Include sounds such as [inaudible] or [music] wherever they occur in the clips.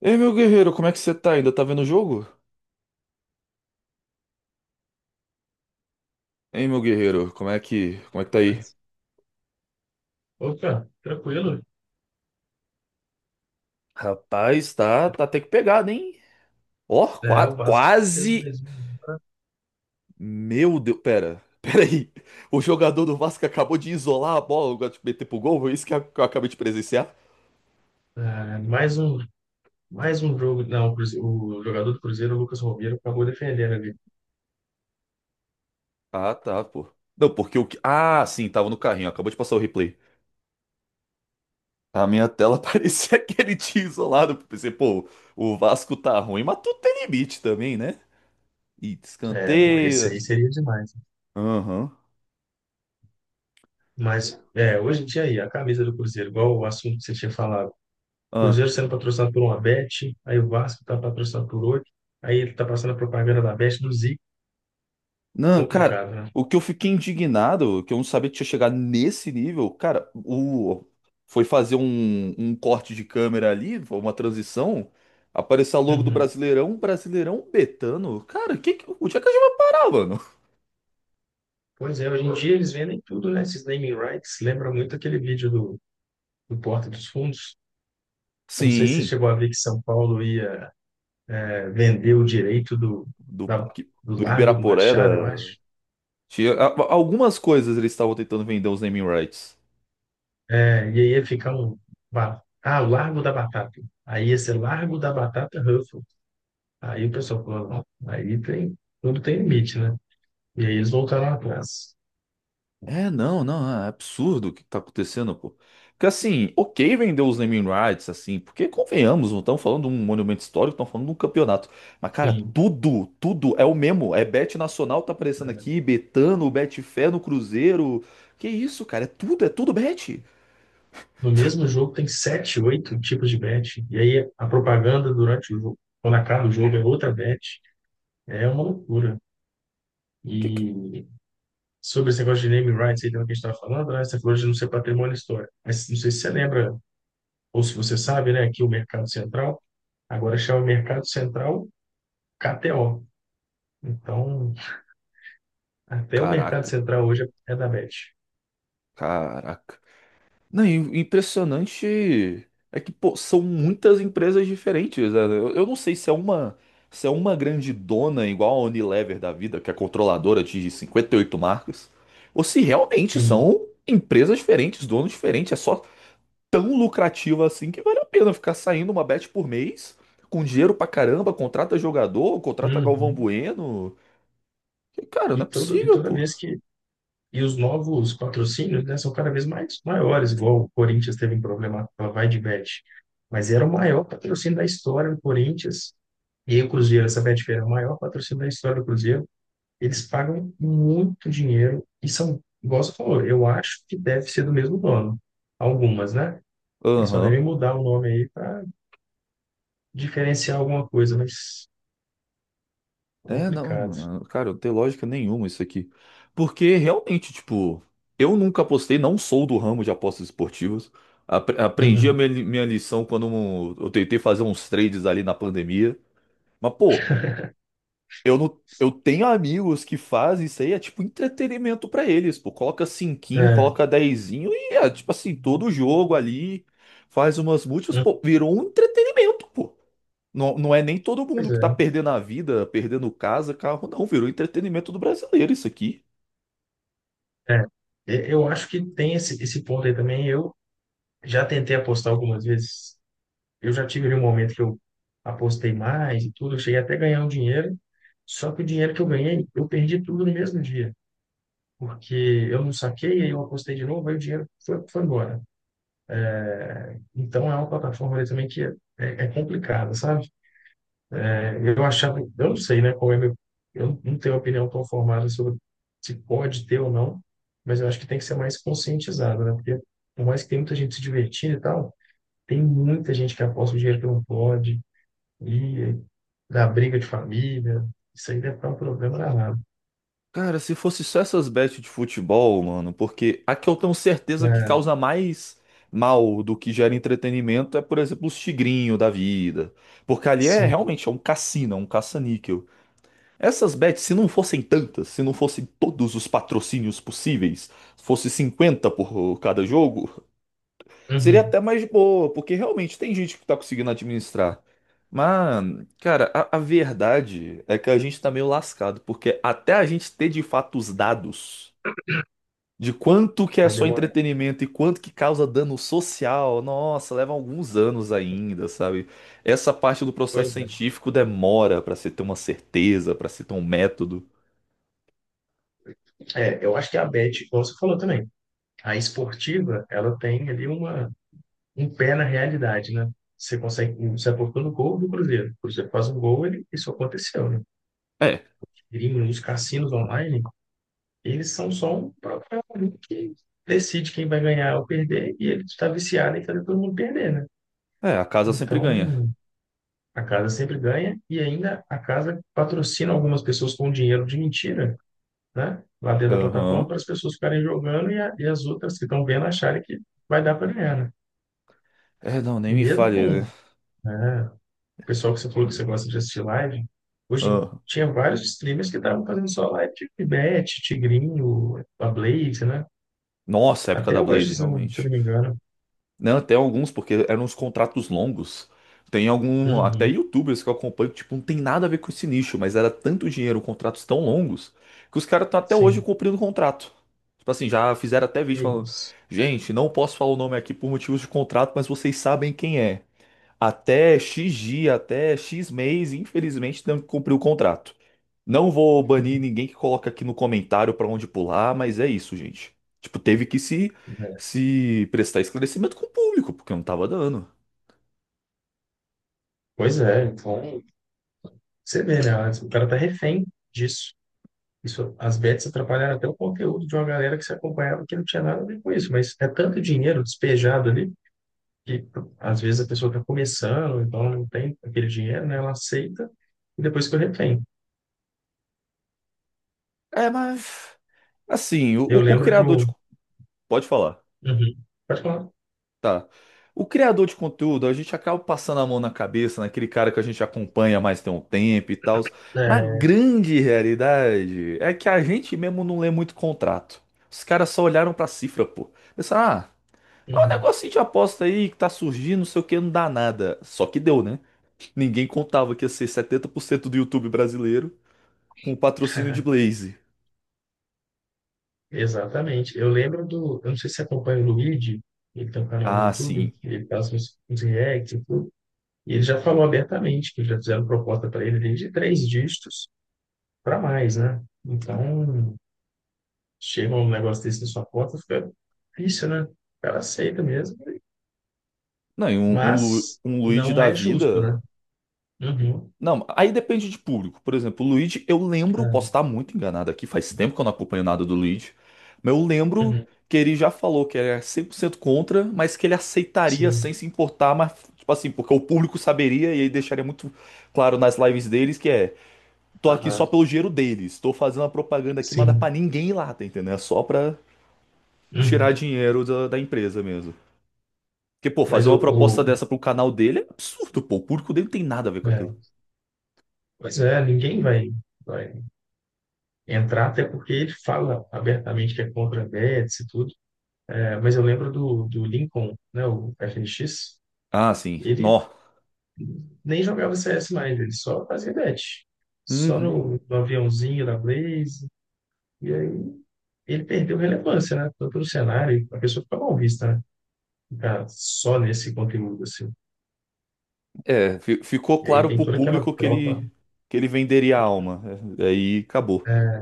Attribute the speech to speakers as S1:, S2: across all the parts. S1: Ei, meu guerreiro, como é que você tá? Ainda tá vendo o jogo? Ei, meu guerreiro, como é que tá aí?
S2: Mas, opa, tranquilo.
S1: Rapaz, tá até que pegado, hein? Ó,
S2: É, o Vasco fez
S1: quase.
S2: mais um,
S1: Meu Deus, pera, [laughs] pera aí. O jogador do Vasco acabou de isolar a bola, agora de meter pro gol, foi isso que eu acabei de presenciar?
S2: mais um, mais um jogo. Não, o o jogador do Cruzeiro, o Lucas Romero, acabou defendendo ali.
S1: Ah, tá, pô. Não, porque o que. Ah, sim, tava no carrinho, acabou de passar o replay. A minha tela [laughs] parecia que ele tinha isolado. Pensei, pô, o Vasco tá ruim, mas tudo tem limite também, né? E
S2: É, não, esse aí
S1: escanteio.
S2: seria demais, né?
S1: Aham.
S2: Mas, hoje em dia aí, a camisa do Cruzeiro, igual o assunto que você tinha falado.
S1: Aham.
S2: Cruzeiro sendo patrocinado por uma Bet, aí o Vasco tá patrocinado por outro, aí ele tá passando a propaganda da Bet do Zico.
S1: Não, cara,
S2: Complicado, né?
S1: o que eu fiquei indignado, que eu não sabia que tinha chegado nesse nível, cara, o foi fazer um, um corte de câmera ali, foi uma transição, apareceu a logo do
S2: Uhum.
S1: Brasileirão, um Brasileirão Betano. Cara, onde é que a gente vai parar, mano?
S2: Pois é, hoje em dia eles vendem tudo, né? Esses naming rights. Lembra muito aquele vídeo do Porta dos Fundos. Eu não sei se você
S1: Sim,
S2: chegou a ver que São Paulo ia vender o direito
S1: do,
S2: da-
S1: Parque-
S2: do
S1: do
S2: Largo do Machado, eu
S1: Ibirapuera.
S2: acho.
S1: Tinha, algumas coisas eles estavam tentando vender os naming rights.
S2: É, e aí ia ficar um. Ah, o Largo da Batata. Aí ia ser Largo da Batata Ruffles. Aí o pessoal falou, não, aí tem, tudo tem limite, né? E aí eles voltaram atrás.
S1: É, não, é absurdo o que tá acontecendo, pô. Porque assim, ok vender os naming rights, assim, porque convenhamos, não estão falando de um monumento histórico, estão falando de um campeonato. Mas, cara,
S2: Sim.
S1: tudo é o mesmo. É Bet Nacional tá aparecendo
S2: É.
S1: aqui, Betano, Betfé no Cruzeiro. Que isso, cara? É tudo Bet.
S2: No mesmo jogo tem sete, oito tipos de bet. E aí a propaganda durante o jogo, quando acaba o jogo, é outra bet. É uma loucura.
S1: Que... que-
S2: E sobre esse negócio de naming rights aí também que a gente estava falando, né? Você falou de não ser patrimônio histórico. Mas não sei se você lembra, ou se você sabe, né, que o Mercado Central agora chama Mercado Central KTO. Então, até o Mercado
S1: Caraca,
S2: Central hoje é da Bet.
S1: caraca. Não, e o impressionante é que, pô, são muitas empresas diferentes, né? Eu não sei se é uma, se é uma grande dona igual a Unilever da vida, que é controladora de 58 marcas, ou se realmente
S2: Sim.
S1: são empresas diferentes, donos diferentes. É só tão lucrativo assim que vale a pena ficar saindo uma bet por mês, com dinheiro pra caramba, contrata jogador, contrata Galvão
S2: Uhum.
S1: Bueno. E, cara, não é
S2: E
S1: possível,
S2: toda
S1: pô.
S2: vez que. E os novos patrocínios, né, são cada vez mais maiores, igual o Corinthians teve um problema com a Vai de Bet. Mas era o maior patrocínio da história do Corinthians. E aí o Cruzeiro, essa Betfair é o maior patrocínio da história do Cruzeiro. Eles pagam muito dinheiro e são, igual você falou, eu acho que deve ser do mesmo dono. Algumas, né? Eles só
S1: Aham.
S2: devem mudar o nome aí para diferenciar alguma coisa, mas
S1: É,
S2: complicado.
S1: não, cara, não tem lógica nenhuma isso aqui. Porque realmente, tipo, eu nunca apostei, não sou do ramo de apostas esportivas. Aprendi
S2: Uhum.
S1: minha lição quando eu tentei fazer uns trades ali na pandemia. Mas, pô, eu não, eu tenho amigos que fazem isso aí, é tipo entretenimento pra eles, pô. Coloca cinquinho,
S2: É,
S1: coloca dezinho e é tipo assim, todo jogo ali faz umas múltiplas,
S2: hum,
S1: pô, virou um entretenimento, pô. Não, não é nem todo
S2: pois
S1: mundo que
S2: é.
S1: tá perdendo a vida, perdendo casa, carro, não. Virou entretenimento do brasileiro isso aqui.
S2: É. Eu acho que tem esse ponto aí também. Eu já tentei apostar algumas vezes. Eu já tive ali um momento que eu apostei mais e tudo. Eu cheguei até a ganhar um dinheiro. Só que o dinheiro que eu ganhei, eu perdi tudo no mesmo dia. Porque eu não saquei, aí eu apostei de novo, aí o dinheiro foi embora. Então é uma plataforma ali também que é complicada, sabe? É, eu achava, eu não sei, né, qual é meu, eu não tenho opinião tão formada sobre se pode ter ou não, mas eu acho que tem que ser mais conscientizado, né? Porque por mais que tenha muita gente se divertindo e tal, tem muita gente que aposta o dinheiro que não pode, e dá briga de família, isso aí deve dar um problema danado.
S1: Cara, se fosse só essas bets de futebol, mano, porque a que eu tenho certeza que
S2: É,
S1: causa mais mal do que gera entretenimento é, por exemplo, os tigrinho da vida. Porque ali é
S2: sim.
S1: realmente é um cassino, é um caça-níquel. Essas bets, se não fossem tantas, se não fossem todos os patrocínios possíveis, fosse 50 por cada jogo, seria
S2: Uhum.
S1: até mais boa, porque realmente tem gente que tá conseguindo administrar. Mas, cara, a verdade é que a gente tá meio lascado, porque até a gente ter de fato os dados de quanto que é
S2: Vai
S1: só
S2: demorar.
S1: entretenimento e quanto que causa dano social, nossa, leva alguns anos ainda, sabe? Essa parte do processo
S2: Pois é.
S1: científico demora pra se ter uma certeza, pra se ter um método.
S2: É, eu acho que a Bet, como você falou também, a esportiva, ela tem ali um pé na realidade, né? Você consegue, você aportou no gol do Cruzeiro. O Cruzeiro faz um gol, ele, isso aconteceu, né?
S1: É,
S2: Gringo, os cassinos online, eles são só um papel ali que decide quem vai ganhar ou perder, e ele está viciado em fazer todo mundo perder, né?
S1: é, a casa sempre ganha.
S2: Então, a casa sempre ganha, e ainda a casa patrocina algumas pessoas com dinheiro de mentira, né, lá dentro da plataforma para
S1: Aham.
S2: as pessoas ficarem jogando e, e as outras que estão vendo acharem que vai dar para ganhar, né?
S1: É, não,
S2: E
S1: nem me
S2: mesmo
S1: fale, né?
S2: com, né, o pessoal que você falou que você gosta de assistir live, hoje
S1: Ah.
S2: tinha vários streamers que estavam fazendo só live de Bet, Tigrinho, a Blaze, né?
S1: Nossa, época
S2: Até
S1: da
S2: hoje,
S1: Blaze,
S2: se eu
S1: realmente.
S2: não me engano.
S1: Não, até alguns, porque eram uns contratos longos. Tem algum, até
S2: Uhum,
S1: YouTubers que eu acompanho, que, tipo, não tem nada a ver com esse nicho, mas era tanto dinheiro, contratos tão longos, que os caras estão até hoje
S2: sim,
S1: cumprindo o contrato. Tipo assim, já fizeram até vídeo
S2: que
S1: falando,
S2: isso.
S1: gente, não posso falar o nome aqui por motivos de contrato, mas vocês sabem quem é. Até X dia, até X mês, infelizmente, tem que cumprir o contrato. Não vou banir
S2: [laughs]
S1: ninguém que coloca aqui no comentário pra onde pular, mas é isso, gente. Tipo, teve que se prestar esclarecimento com o público, porque não tava dando.
S2: Pois é, então, você vê, né? O cara tá refém disso. Isso, as bets atrapalharam até o conteúdo de uma galera que se acompanhava que não tinha nada a ver com isso, mas é tanto dinheiro despejado ali que às vezes a pessoa está começando, então ela não tem aquele dinheiro, né? Ela aceita e depois que eu retém.
S1: É, mas assim, o,
S2: Eu
S1: o- o
S2: lembro de um.
S1: Pode falar,
S2: Uhum. Pode falar.
S1: tá. O criador de conteúdo, a gente acaba passando a mão na cabeça, naquele cara que a gente acompanha mais tem um tempo e tal. Mas a
S2: É,
S1: grande realidade é que a gente mesmo não lê muito contrato. Os caras só olharam pra cifra, pô. Pensaram, ah. É um
S2: uhum.
S1: negocinho de aposta aí que tá surgindo, não sei o que, não dá nada. Só que deu, né? Ninguém contava que ia ser 70% do YouTube brasileiro com o patrocínio de
S2: [laughs]
S1: Blaze.
S2: Exatamente. Eu lembro do. Eu não sei se você acompanha o Luigi, ele tem um canal no
S1: Ah,
S2: YouTube,
S1: sim.
S2: ele faz uns, uns reacts e tudo. E ele já falou abertamente que já fizeram proposta para ele desde três dígitos para mais, né? Então, chega um negócio desse na sua porta, fica difícil, né? O cara aceita mesmo,
S1: Não, e
S2: mas
S1: um Luigi
S2: não
S1: da
S2: é justo,
S1: vida.
S2: né? Uhum.
S1: Não, aí depende de público. Por exemplo, o Luigi, eu lembro, posso
S2: É,
S1: estar muito enganado aqui, faz tempo que eu não acompanho nada do Luigi, mas eu lembro
S2: uhum.
S1: que ele já falou que era 100% contra, mas que ele aceitaria sem
S2: Sim.
S1: se importar, mas, tipo assim, porque o público saberia e aí deixaria muito claro nas lives deles que é. Tô aqui só
S2: Aham.
S1: pelo dinheiro deles. Tô fazendo a propaganda aqui, mas não é pra
S2: Sim.
S1: ninguém ir lá, tá entendendo? É só pra tirar
S2: Uhum.
S1: dinheiro da empresa mesmo. Porque, pô, fazer
S2: Mas
S1: uma proposta
S2: o
S1: dessa pro canal dele é absurdo, pô. O público dele não tem nada a ver com
S2: é,
S1: aquilo.
S2: pois é, ninguém vai, vai entrar, até porque ele fala abertamente que é contra a bets e tudo. É, mas eu lembro do Lincoln, né, o FNX,
S1: Ah, sim.
S2: ele
S1: Nó.
S2: nem jogava CS mais, ele só fazia bet. Só
S1: Uhum.
S2: no aviãozinho da Blaze. E aí ele perdeu relevância, né? Tanto no cenário, a pessoa fica mal vista, né? Ficar só nesse conteúdo, assim.
S1: É, ficou
S2: E aí
S1: claro
S2: tem
S1: pro
S2: toda aquela
S1: público que
S2: tropa,
S1: que ele venderia a alma. É, aí acabou.
S2: é,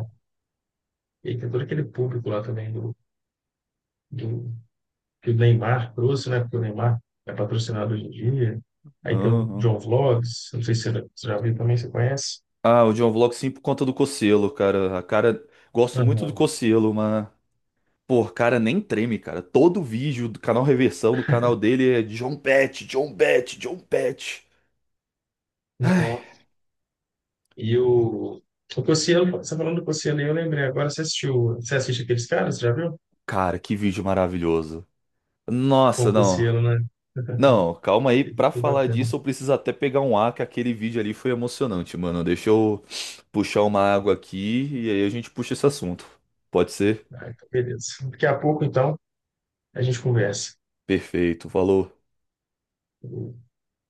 S2: e aí tem todo aquele público lá também do, que o Neymar trouxe, né? Porque o Neymar é patrocinado hoje em dia. Aí tem o
S1: Aham.
S2: John Vlogs, não sei se você já viu também, você conhece?
S1: Ah, o John Vlog sim por conta do Cocielo, cara. A cara. Gosto muito do
S2: Aham.
S1: Cocielo, mas. Pô, cara, nem treme, cara. Todo vídeo do canal Reversão, do canal dele é John Pet, John Pet, John Pet.
S2: Nossa. E o, o Cossielo, você falando do Cossielo, aí, eu lembrei agora, você assistiu, você assiste aqueles caras, você já viu?
S1: Cara, que vídeo maravilhoso.
S2: Com
S1: Nossa,
S2: o
S1: não.
S2: Cossielo, né?
S1: Não, calma aí.
S2: Ele
S1: Pra
S2: ficou
S1: falar
S2: bacana.
S1: disso, eu preciso até pegar um ar, que aquele vídeo ali foi emocionante, mano. Deixa eu puxar uma água aqui e aí a gente puxa esse assunto. Pode ser?
S2: Ah, então beleza. Daqui a pouco, então, a gente conversa.
S1: Perfeito, falou.